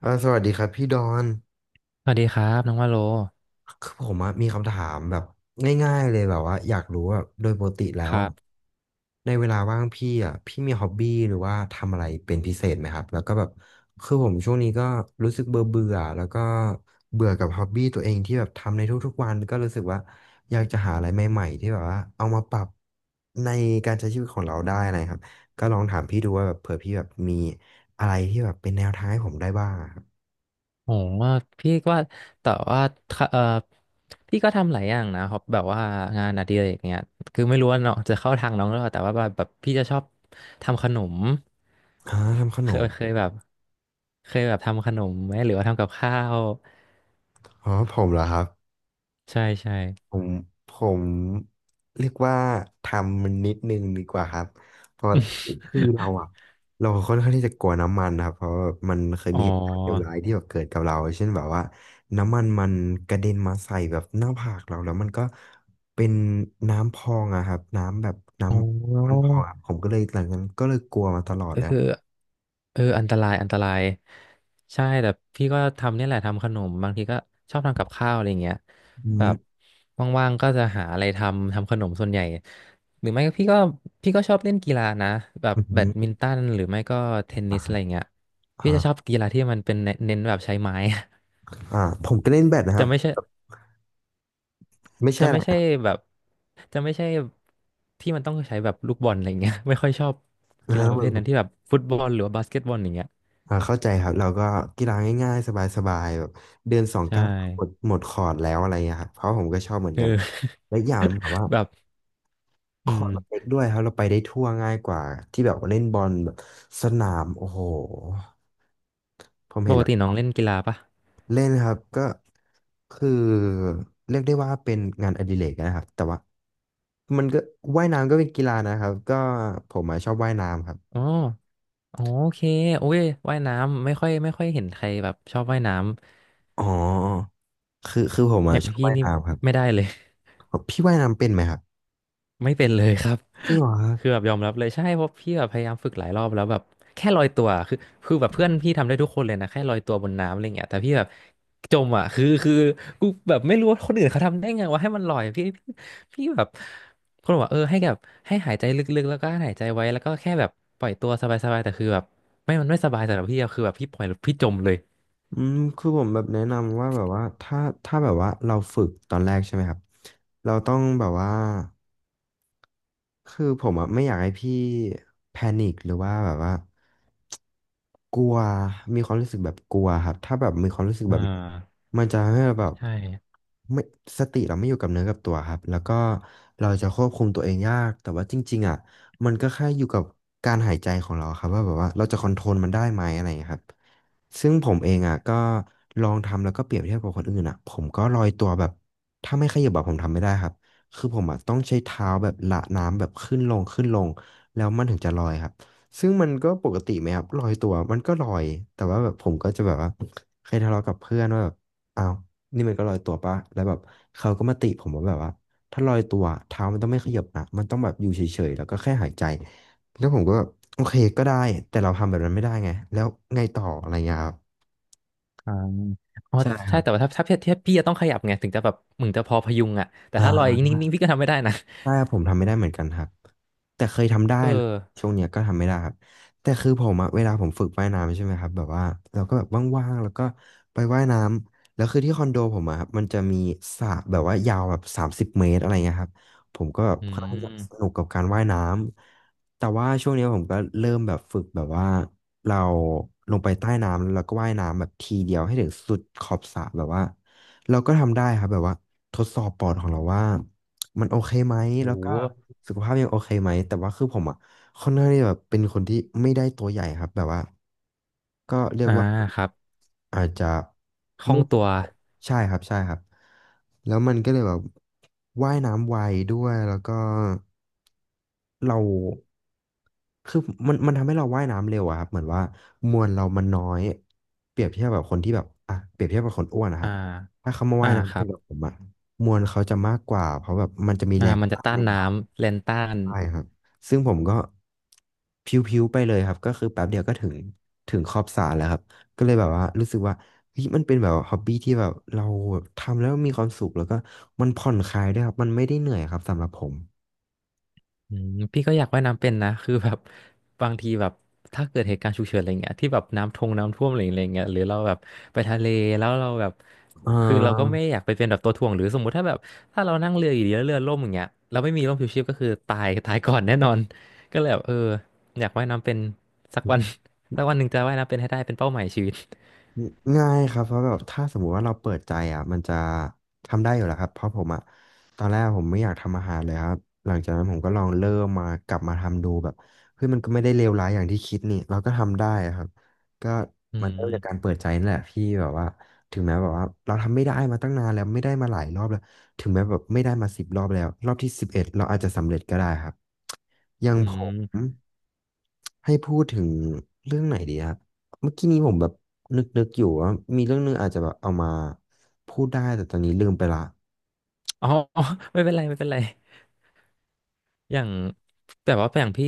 สวัสดีครับพี่ดอนสวัสดีครับน้องว่าโลคือผมอะมีคำถามแบบง่ายๆเลยแบบว่าอยากรู้ว่าโดยปกติแล้ควรัอะบในเวลาว่างพี่อะพี่มีฮ็อบบี้หรือว่าทำอะไรเป็นพิเศษไหมครับแล้วก็แบบคือผมช่วงนี้ก็รู้สึกเบื่อเบื่อแล้วก็เบื่อกับฮ็อบบี้ตัวเองที่แบบทำในทุกๆวันก็รู้สึกว่าอยากจะหาอะไรใหม่ๆที่แบบว่าเอามาปรับในการใช้ชีวิตของเราได้อะไรครับก็ลองถามพี่ดูว่าแบบเผื่อพี่แบบมีอะไรที่แบบเป็นแนวทางให้ผมได้บ้างอะครับโหพี่ว่าแต่ว่าเออพี่ก็ทำหลายอย่างนะครับแบบว่างานอดิเรกเนี่ยคือไม่รู้ว่าเนาะจะเข้าทางน้องหรือเปล่าแต่ว่าแบบพี่จะชอบทำขนมอ่าทำขเคนยม เคยแบบเคยแบบทำขนมไหมหรือว่าทำกับข้าวอ๋อผมเหรอครับใช่ใช่ ผมผมเรียกว่าทำมันนิดนึงดีกว่าครับเพราะคือเราอะเราค่อนข้างที่จะกลัวน้ำมันนะครับเพราะว่ามันเคย อ๋อมีเหตุการณ์เลวร้ายที่แบบเกิดกับเราเช่นแบบว่าน้ำมันมันกระเด็นมาใส่แบบหน้าผากเราแล้วมันก็เป็นน้ำพองอะครับน้ำแบบน้อ๋อ ำมันพองอะผมก็เลยหลังจากนั้นก็เลยกลัวมาตลอดก็แล้วคืออันตรายอันตรายใช่แต่พี่ก็ทำเนี่ยแหละทำขนมบางทีก็ชอบทำกับข้าวอะไรเงี้ยอืแบบมว่างๆก็จะหาอะไรทำขนมส่วนใหญ่หรือไม่ก็พี่ก็ชอบเล่นกีฬานะแบบอืแบดมิมนตันหรือไม่ก็เทนนิสอะไรอ่าเงี้ยพี่จะชอบกีฬาที่มันเป็นเน้นเน้นแบบใช้ไม้ อ่าผมก็เล่นแบดนะ คจะรับไม่ใช่ไม่ใช่จะอะไม่ไรใช่อ่ะ แบบจะไม่ใช่ที่มันต้องใช้แบบลูกบอลอะไรเงี้ยไม่ค่อยชอบกีฬาประเภทนั้นที่ แบบฟุตบอลหรือว่าบาสเกตบอลอย่างเงี้ยเข้าใจครับเราก็กีฬาง่ายๆสบายๆแบบเดือนสองใช่ เก้าวหมดหมดคอร์ดแล้วอะไรอย่างเงี้ยครับเพราะผมก็ชอบเหมือนเออ กันและอกอย่างหนึ่งแบบว่า แบบคอืมอร์ดมันเล็กด้วยครับเราไปได้ทั่วง่ายกว่าที่แบบว่าเล่นบอลแบบสนามโอ้โหผมปเห็นกแล้วติน้องเล่นกีฬาปะเล่นครับก็คือเรียกได้ว่าเป็นงานอดิเรกนะครับแต่ว่ามันก็ว่ายน้ำก็เป็นกีฬานะครับก็ผมอะชอบว่ายน้ำครับอ๋ออ๋อโอเคโอ้ยว่ายน้ำไม่ค่อยเห็นใครแบบชอบว่ายน้ำอ๋อคือผมออะย่างชอบพี่ว่ายนี่น้ำครัไม่บได้เลย พี่ว่ายน้ำเป็นไหมครับ ไม่เป็นเลยครับ จริงเหรอ คือแบบยอมรับเลยใช่เพราะพี่แบบพยายามฝึกหลายรอบแล้วแบบแค่ลอยตัวคือแบบเพื่อนพี่ทำได้ทุกคนเลยนะแค่ลอยตัวบนน้ำอะไรเงี้ยแต่พี่แบบจมอ่ะคือกูแบบไม่รู้ว่าคนอื่นเขาทำได้ไงว่าให้มันลอยพี่แบบคนบอกว่าเออให้แบบให้หายใจลึกๆแล้วก็หายใจไว้แล้วก็แค่แบบปล่อยตัวสบายๆแต่คือแบบไม่มันไม่สบายสำหรับพี่อะคือแบบพี่ปล่อยแล้วพี่จมเลยอืมคือผมแบบแนะนำว่าแบบว่าถ้าแบบว่าเราฝึกตอนแรกใช่ไหมครับเราต้องแบบว่า คือผมอะไม่อยากให้พี่แพนิคหรือว่าแบบว่ากลัวมีความรู้สึกแบบกลัวครับถ้าแบบมีความรู้สึกแบอ่าบนั้นมันจะให้เราแบบใช่ไม่สติเราไม่อยู่กับเนื้อกับตัวครับแล้วก็เราจะควบคุมตัวเองยากแต่ว่าจริงๆอ่ะมันก็แค่อยู่กับการหายใจของเราครับว่าแบบว่าเราจะคอนโทรลมันได้ไหมอะไรอย่างเงี้ยครับซึ่งผมเองอ่ะก็ลองทำแล้วก็เปรียบเทียบกับคนอื่นอ่ะผมก็ลอยตัวแบบถ้าไม่ขยับแบบผมทำไม่ได้ครับ คือผมอะต้องใช้เท้าแบบละน้ำแบบขึ้นลงขึ้นลงแล้วมันถึงจะลอยครับซึ่งมันก็ปกติไหมครับลอยตัวมันก็ลอยแต่ว่าแบบผมก็จะแบบว่าเคยทะเลาะกับเพื่อนว่าแบบอ้าวนี่มันก็ลอยตัวปะแล้วแบบเขาก็มาติผมว่าแบบว่าถ้าลอยตัวเท้ามันต้องไม่ขยับนะมันต้องแบบอยู่เฉยๆแล้วก็แค่หายใจแล้วผมก็แบบโอเคก็ได้แต่เราทำแบบนั้นไม่ได้ไงแล้วไงต่ออะไรเงี้ยครับอ่าอ๋อใช่คใช่รับแต่ว่าถ้าพี่จะต้องขยับไงถึงจะแบบมึงจะพอพยุงอ่ะแต่อ่ถ้าลอยา นิ่งๆพี่ก็ทำไม่ได้นะใช่ครับผมทำไม่ได้เหมือนกันครับแต่เคยทำได้เออ ช่วงเนี้ยก็ทำไม่ได้ครับแต่คือผมอะเวลาผมฝึกว่ายน้ำใช่ไหมครับแบบว่าเราก็แบบว่างๆแล้วก็ไปว่ายน้ำแล้วคือที่คอนโดผมอะครับมันจะมีสระแบบว่ายาวแบบ30 เมตรอะไรเงี้ยครับผมก็แบบอืค่อนข้างจะสนุมกกับการว่ายน้ำแต่ว่าช่วงเนี้ยผมก็เริ่มแบบฝึกแบบว่าเราลงไปใต้น้ำแล้วเราก็ว่ายน้ำแบบทีเดียวให้ถึงสุดขอบสระแบบว่าเราก็ทำได้ครับแบบว่าทดสอบปอดของเราว่า มันโอเคไหมแล้วก็โหสุขภาพยังโอเคไหมแต่ว่าคือผมอ่ะค่อนข้างที่แบบเป็นคนที่ไม่ได้ตัวใหญ่ครับ แบบว่าก็เรียกอ่าว่าครับอาจจะคล่อไม่งผตัว อมใช่ครับใช่ครับแล้วมันก็เลยแบบว่ายน้ำไวด้วยแล้วก็เราคือมันทำให้เราว่ายน้ำเร็วอะครับเหมือนว่ามวลเรามันน้อยเปรียบเทียบแบบคนที่แบบอ่ะเปรียบเทียบกับคนอ้วนนะคอ่ารับถ้าเขามาอ่าว่ายน้ำครัเป็นบกับผมอะ มวลเขาจะมากกว่าเพราะแบบมันจะมีอ่าแรงมันจะต้านต้าในนน้ป่ากำแรนส์ต้านใช่ครับซึ่งผมก็พิ้วๆไปเลยครับก็คือแป๊บเดียวก็ถึงขอบสระแล้วครับก็เลยแบบว่ารู้สึกว่าเฮ้ยมันเป็นแบบฮอบบี้ที่แบบเราแบบทำแล้วมีความสุขแล้วก็มันผ่อนคลายด้วยครับมันไม่ได้เหนื่อยครับสำหรับผมพี่ก็อยากว่ายน้ำเป็นนะ คือแบบบางทีแบบถ้าเกิดเหตุการณ์ฉุกเฉินอะไรเงี้ยที่แบบน้ำทงน้ำท่วมอะไรอะไรเงี้ยหรือเราแบบไปทะเลแล้วเราแบบอ่คือเราก็า ไม่อยากไปเป็นแบบตัวถ่วง หรือสมมุติถ้าแบบถ้าเรานั่งเรืออยู่ดีแล้วเรือล่มอย่างเงี้ยเราไม่มีร่มชูชีพก็คือตายตายก่อนแน่นอนก็เลยแบบอยากว่ายน้ำเป็นสักวัน สักวันหนึ่งจะว่ายน้ำเป็นให้ได้เป็นเป้าหมายชีวิตง่ายครับเพราะแบบถ้าสมมุติว่าเราเปิดใจอ่ะมันจะทำได้อยู่แล้วครับเพราะผมอ่ะตอนแรกผมไม่อยากทำอาหารเลยครับหลังจากนั้นผมก็ลองเริ่มมากลับมาทำดูแบบเฮ้ยมันก็ไม่ได้เลวร้ายอย่างที่คิดนี่เราก็ทำได้อะครับก็อืมันเริ่มจากการม เปิดใจนั่นแหละพี่แบบว่าถึงแม้แบบว่าเราทำไม่ได้มาตั้งนานแล้วไม่ได้มาหลายรอบแล้วถึงแม้แบบไม่ได้มา10 รอบแล้วรอบที่สิบเอ็ดเราอาจจะสำเร็จก็ได้ครับอย่างอืผม มให้พูดถึงเรื่องไหนดีครับเมื่อกี้นี้ผมแบบนึกอยู่ว่ามีเรื่องนึงอาจจะแบบเอามาพูดได้แต่ตอนนี้ลืมไปละอ๋อ อ๋อไม่เป็นไรไม่เป็นไรอย่างแต่ว่าอย่างพี่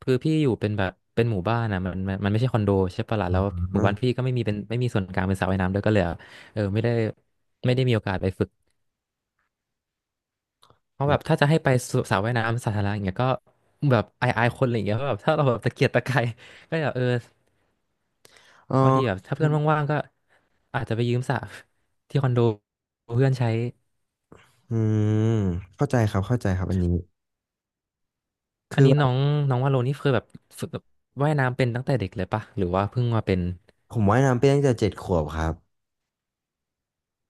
คือพี่อยู่เป็นแบบเป็นหมู่บ้านนะมันไม่ใช่คอนโดใช่ปะล่ะแล้วหมู่อ่าบ้านพี่ก็ไม่มีเป็นไม่มีส่วนกลางเป็นสระว่ายน้ำด้วยก็เลยอะเออไม่ได้ไม่ได้มีโอกาสไปฝึกเพราะอแบมบถ้าจะให้ไปสสระว่ายน้ำสาธารณะอย่างเงี้ยก็แบบอายอายคนอะไรอย่างเงี้ยเพราะแบบถ้าเราแบบตะเกียกตะกาย ก็แบบเออบางทีแบบถ้าคเพื่รัอนบว่างๆก็อาจจะไปยืมสระ ที่คอนโดเพื่อนใช้ อืมเข้าใจครับเข้าใจครับอันนี้อัคืนอนี้แบน้อบงน้องว่าโลนี่เคยแบบฝึกแบบว่ายน้ำเป็นตั้งแต่เด็กเลยปะหรือว่าเพิ่งมาเป็นผมว่ายน้ำเป็นตั้งแต่7 ขวบครับ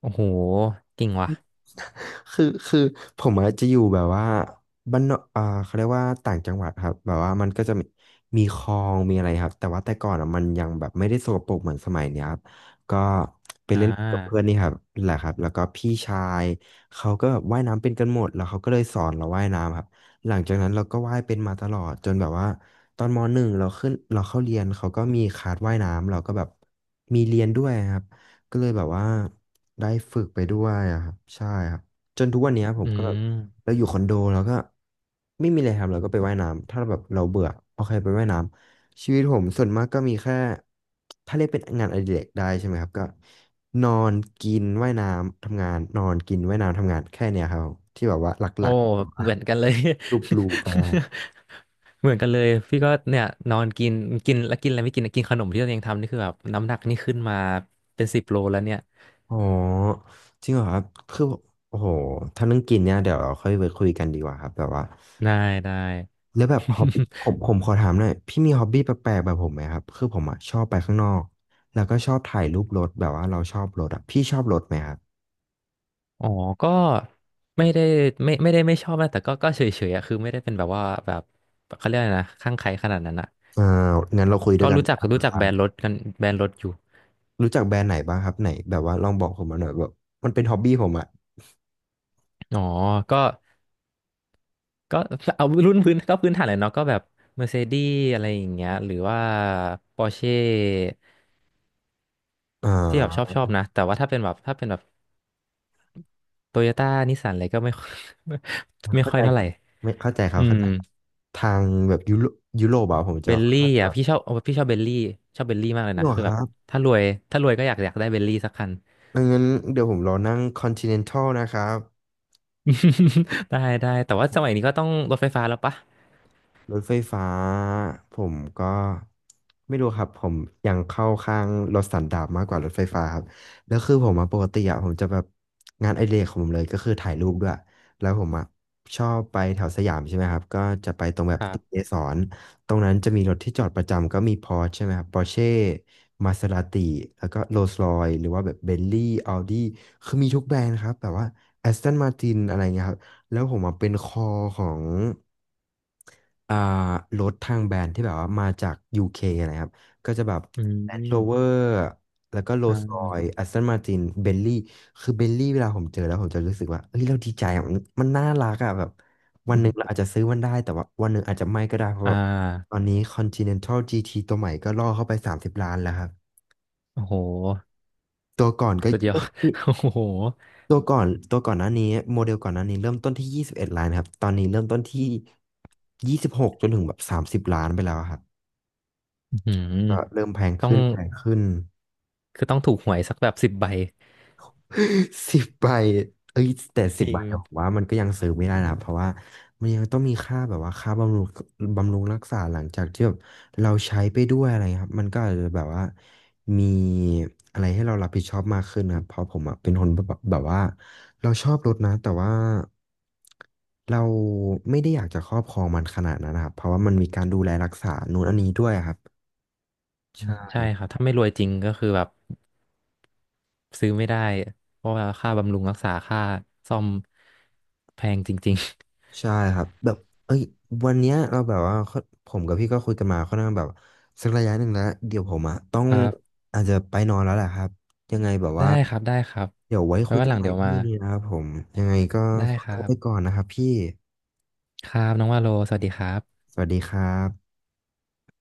โอ้โหเก่งว่ะ คือผมอาจจะอยู่แบบว่าบ้านนอกอ่าเขาเรียกว่าต่างจังหวัดครับแบบว่ามันก็จะมีคลองมีอะไรครับแต่ว่าแต่ก่อนอ่ะมันยังแบบไม่ได้สกปรกเหมือนสมัยเนี้ยครับก็ไปอ่าเล่นกับเพื่อนนี่ครับแหละครับแล้วก็พี่ชายเขาก็แบบว่ายน้ำเป็นกันหมดแล้วเขาก็เลยสอนเราว่ายน้ำครับหลังจากนั้นเราก็ว่ายเป็นมาตลอดจนแบบว่าตอนมหนึ่งเราขึ้นเราเข้าเรียนเขาก็มีคลาสว่ายน้ำเราก็แบบมีเรียนด้วยครับ ก็เลยแบบว่าได้ฝึกไปด้วยอะครับใช่ครับจนทุกวันเนี้ยผมอืก็แบบมเราอยู่คอนโดแล้วก็ไม่มีอะไรทำเราก็ไปว่ายน้ำถ้าแบบเราเบื่อโอเคไปว่ายน้ำชีวิตผมส่วนมากก็มีแค่ถ้าเรียกเป็นงานอดิเรกได้ใช่ไหมครับก็นอนกินว่ายน้ำทำงานนอนกินว่ายน้ำทำงานแค่เนี้ยครับที่แบบว่าหลโอ้ักๆแบบว่าเหมือนกันเลย รูป รูปไปเหมือนกันเลยพี่ก็เนี่ยนอนกินกินแล้วกินอะไรไม่กินกินขนมที่ตัวเองทำนี่คือแบบน้ำหนักนี่ขึ้นมาเป็น10 โลแล้วเนี่ยอ๋อจริงเหรอครับคือโอ้โหถ้าเรื่องกินเนี่ยเดี๋ยวเราค่อยไปคุยกันดีกว่าครับแบบว่า ได้ได้ แล้วแบบ ฮอบบี้ผมขอถามหน่อยพี่มีฮอบบี้แปลกๆแบบผมไหมครับคือผมอ่ะชอบไปข้างนอกแล้วก็ชอบถ่ายรูปรถแบบว่าเราชอบรถอะพี่ชอบรถไหมครับอ๋อก็ไม่ได้ไม่ไม่ได้ไม่ชอบนะแต่ก็เฉยเฉยอะคือไม่ได้เป็นแบบว่าแบบเขาเรียกอะไรนะข้างใครขนาดนั้นอะ อ่างั้นเราคุยด้วก็ยกัน รู้จักรู้ คจักรัแบบรนด์รถกันแบรนด์รถอยู่รู้จักแบรนด์ไหนบ้างครับไหนแบบว่าลองบอกผมมาหน่อยแบบมันเป็นฮอบบี้ผมอ่ะอ๋อ ก็ก็เอารุ่นพื้นก็พื้นฐานเลยเนาะก็แบบ Mercedes อะไรอย่างเงี้ยหรือว่า Porsche อ่ที่แบบชอบาชอบนะแต่ว่าถ้าเป็นแบบ Toyota นิสสันอะไรก็ไม่ค่อย ไม่เข้าค่อใจยเท่าคไหรัร่บไม่เข้าใจครัอืบเข้ามใจครับทางแบบยุโรปอะผมจะเบลลี่เข้าใจอ่ะแบบพี่ชอบพี่ชอบเบลลี่ชอบเบลลี่มากเลยนี่นะหรอคือคแบรับบถ้ารวยถ้ารวยก็อยากได้เบลลี่สักคัน งั้นเดี๋ยวผมรอนั่ง Continental นะครับ ได้ได้แต่ว่าสมัยนี้ก็ต้องรถไฟฟ้าแล้วปะรถไฟฟ้าผมก็ไม่รู้ครับผมยังเข้าข้างรถสันดาปมากกว่ารถไฟฟ้าครับแล้วคือผมมาปกติอะผมจะแบบงานอดิเรกของผมเลยก็คือถ่ายรูปด้วยแล้วผมอะชอบไปแถวสยามใช่ไหมครับก็จะไปตรงแบคบรัติกเกบสรตรงนั้นจะมีรถที่จอดประจำก็มีพอร์ชใช่ไหมครับปอร์เช่มาเซราติแล้วก็โรลส์รอยหรือว่าแบบเบนลี่อ u d ดี้คือมีทุกแบรนด์ครับแบบว่าแอสตันมาตินอะไรเงี้ยครับแล้วผมอะเป็นคอของ อ่ารถทางแบรนด์ที่แบบว่ามาจาก UK นะครับก็จะแบบ อื Land ม Rover แล้วก็ อ่ Rolls Royce า Aston Martin Bentley คือ Bentley เวลาผมเจอแล้วผมจะรู้สึกว่าเฮ้ยเราดีใจอะมันมันน่ารักอะแบบวันหนึ่งเราอาจจะซื้อมันได้แต่ว่าวันหนึ่งอาจจะไม่ก็ได้เพราะอ่าแบบตอนนี้ Continental GT ตัวใหม่ก็ล่อเข้าไป30ล้านแล้วครับโอ้โห ตัวก่อนก็สุดยอด โอ้โหตัวก่อนหน้านี้โมเดลก่อนหน้านี้เริ่มต้นที่21 ล้านครับตอนนี้เริ่มต้นที่26จนถึงแบบ30 ล้านไปแล้วครับ อืมก็เริ่มแพงต้อง ขึ้นแพงขึ้น คือต้องถูกหวยสักแบบ10 ใบ 10 ใบเอ้ยแต่จสิบริบางบเนี่ยวผมว่ามันก็ยังซื้อไม่ได้นะเพราะว่ามันยังต้องมีค่าแบบว่าค่าบำรุงบำรุงรักษาหลังจากที่แบบเราใช้ไปด้วยอะไรครับมันก็อาจจะแบบว่ามีอะไรให้เรารับผิดชอบมากขึ้นนะครับเพราะผมอะเป็นคนแบบว่าเราชอบรถนะแต่ว่าเราไม่ได้อยากจะครอบครองมันขนาดนั้นนะครับเพราะว่ามันมีการดูแลรักษานู่นอันนี้ด้วยครับใชอืมใช่ค่ รับ ถ้าไม่รวยจริงก็คือแบบซื้อไม่ได้ เพราะว่าค่าบำรุงรักษาค่าซ่อมแพงจริงใช่ครับแบบเอ้ยวันเนี้ยเราแบบว่าค่อนผมกับพี่ก็คุยกันมาค่อนข้างแบบสักระยะหนึ่งแล้วเดี๋ยวผมอะต้อๆ ง ครับ อาจจะไปนอนแล้วแหละครับยังไงแบบได้ว่าครับได้ครับเดี๋ยวไว้ไว้คุยวันกัหนลังใหม่เดี๋ยวพมา รุ่งนี้นะครับผมยังไงก็ได้ขอคตัรัวไปก่บ อนนะครับพี่ครับน้องว่าโล สวัสดีครับสวัสดีครับ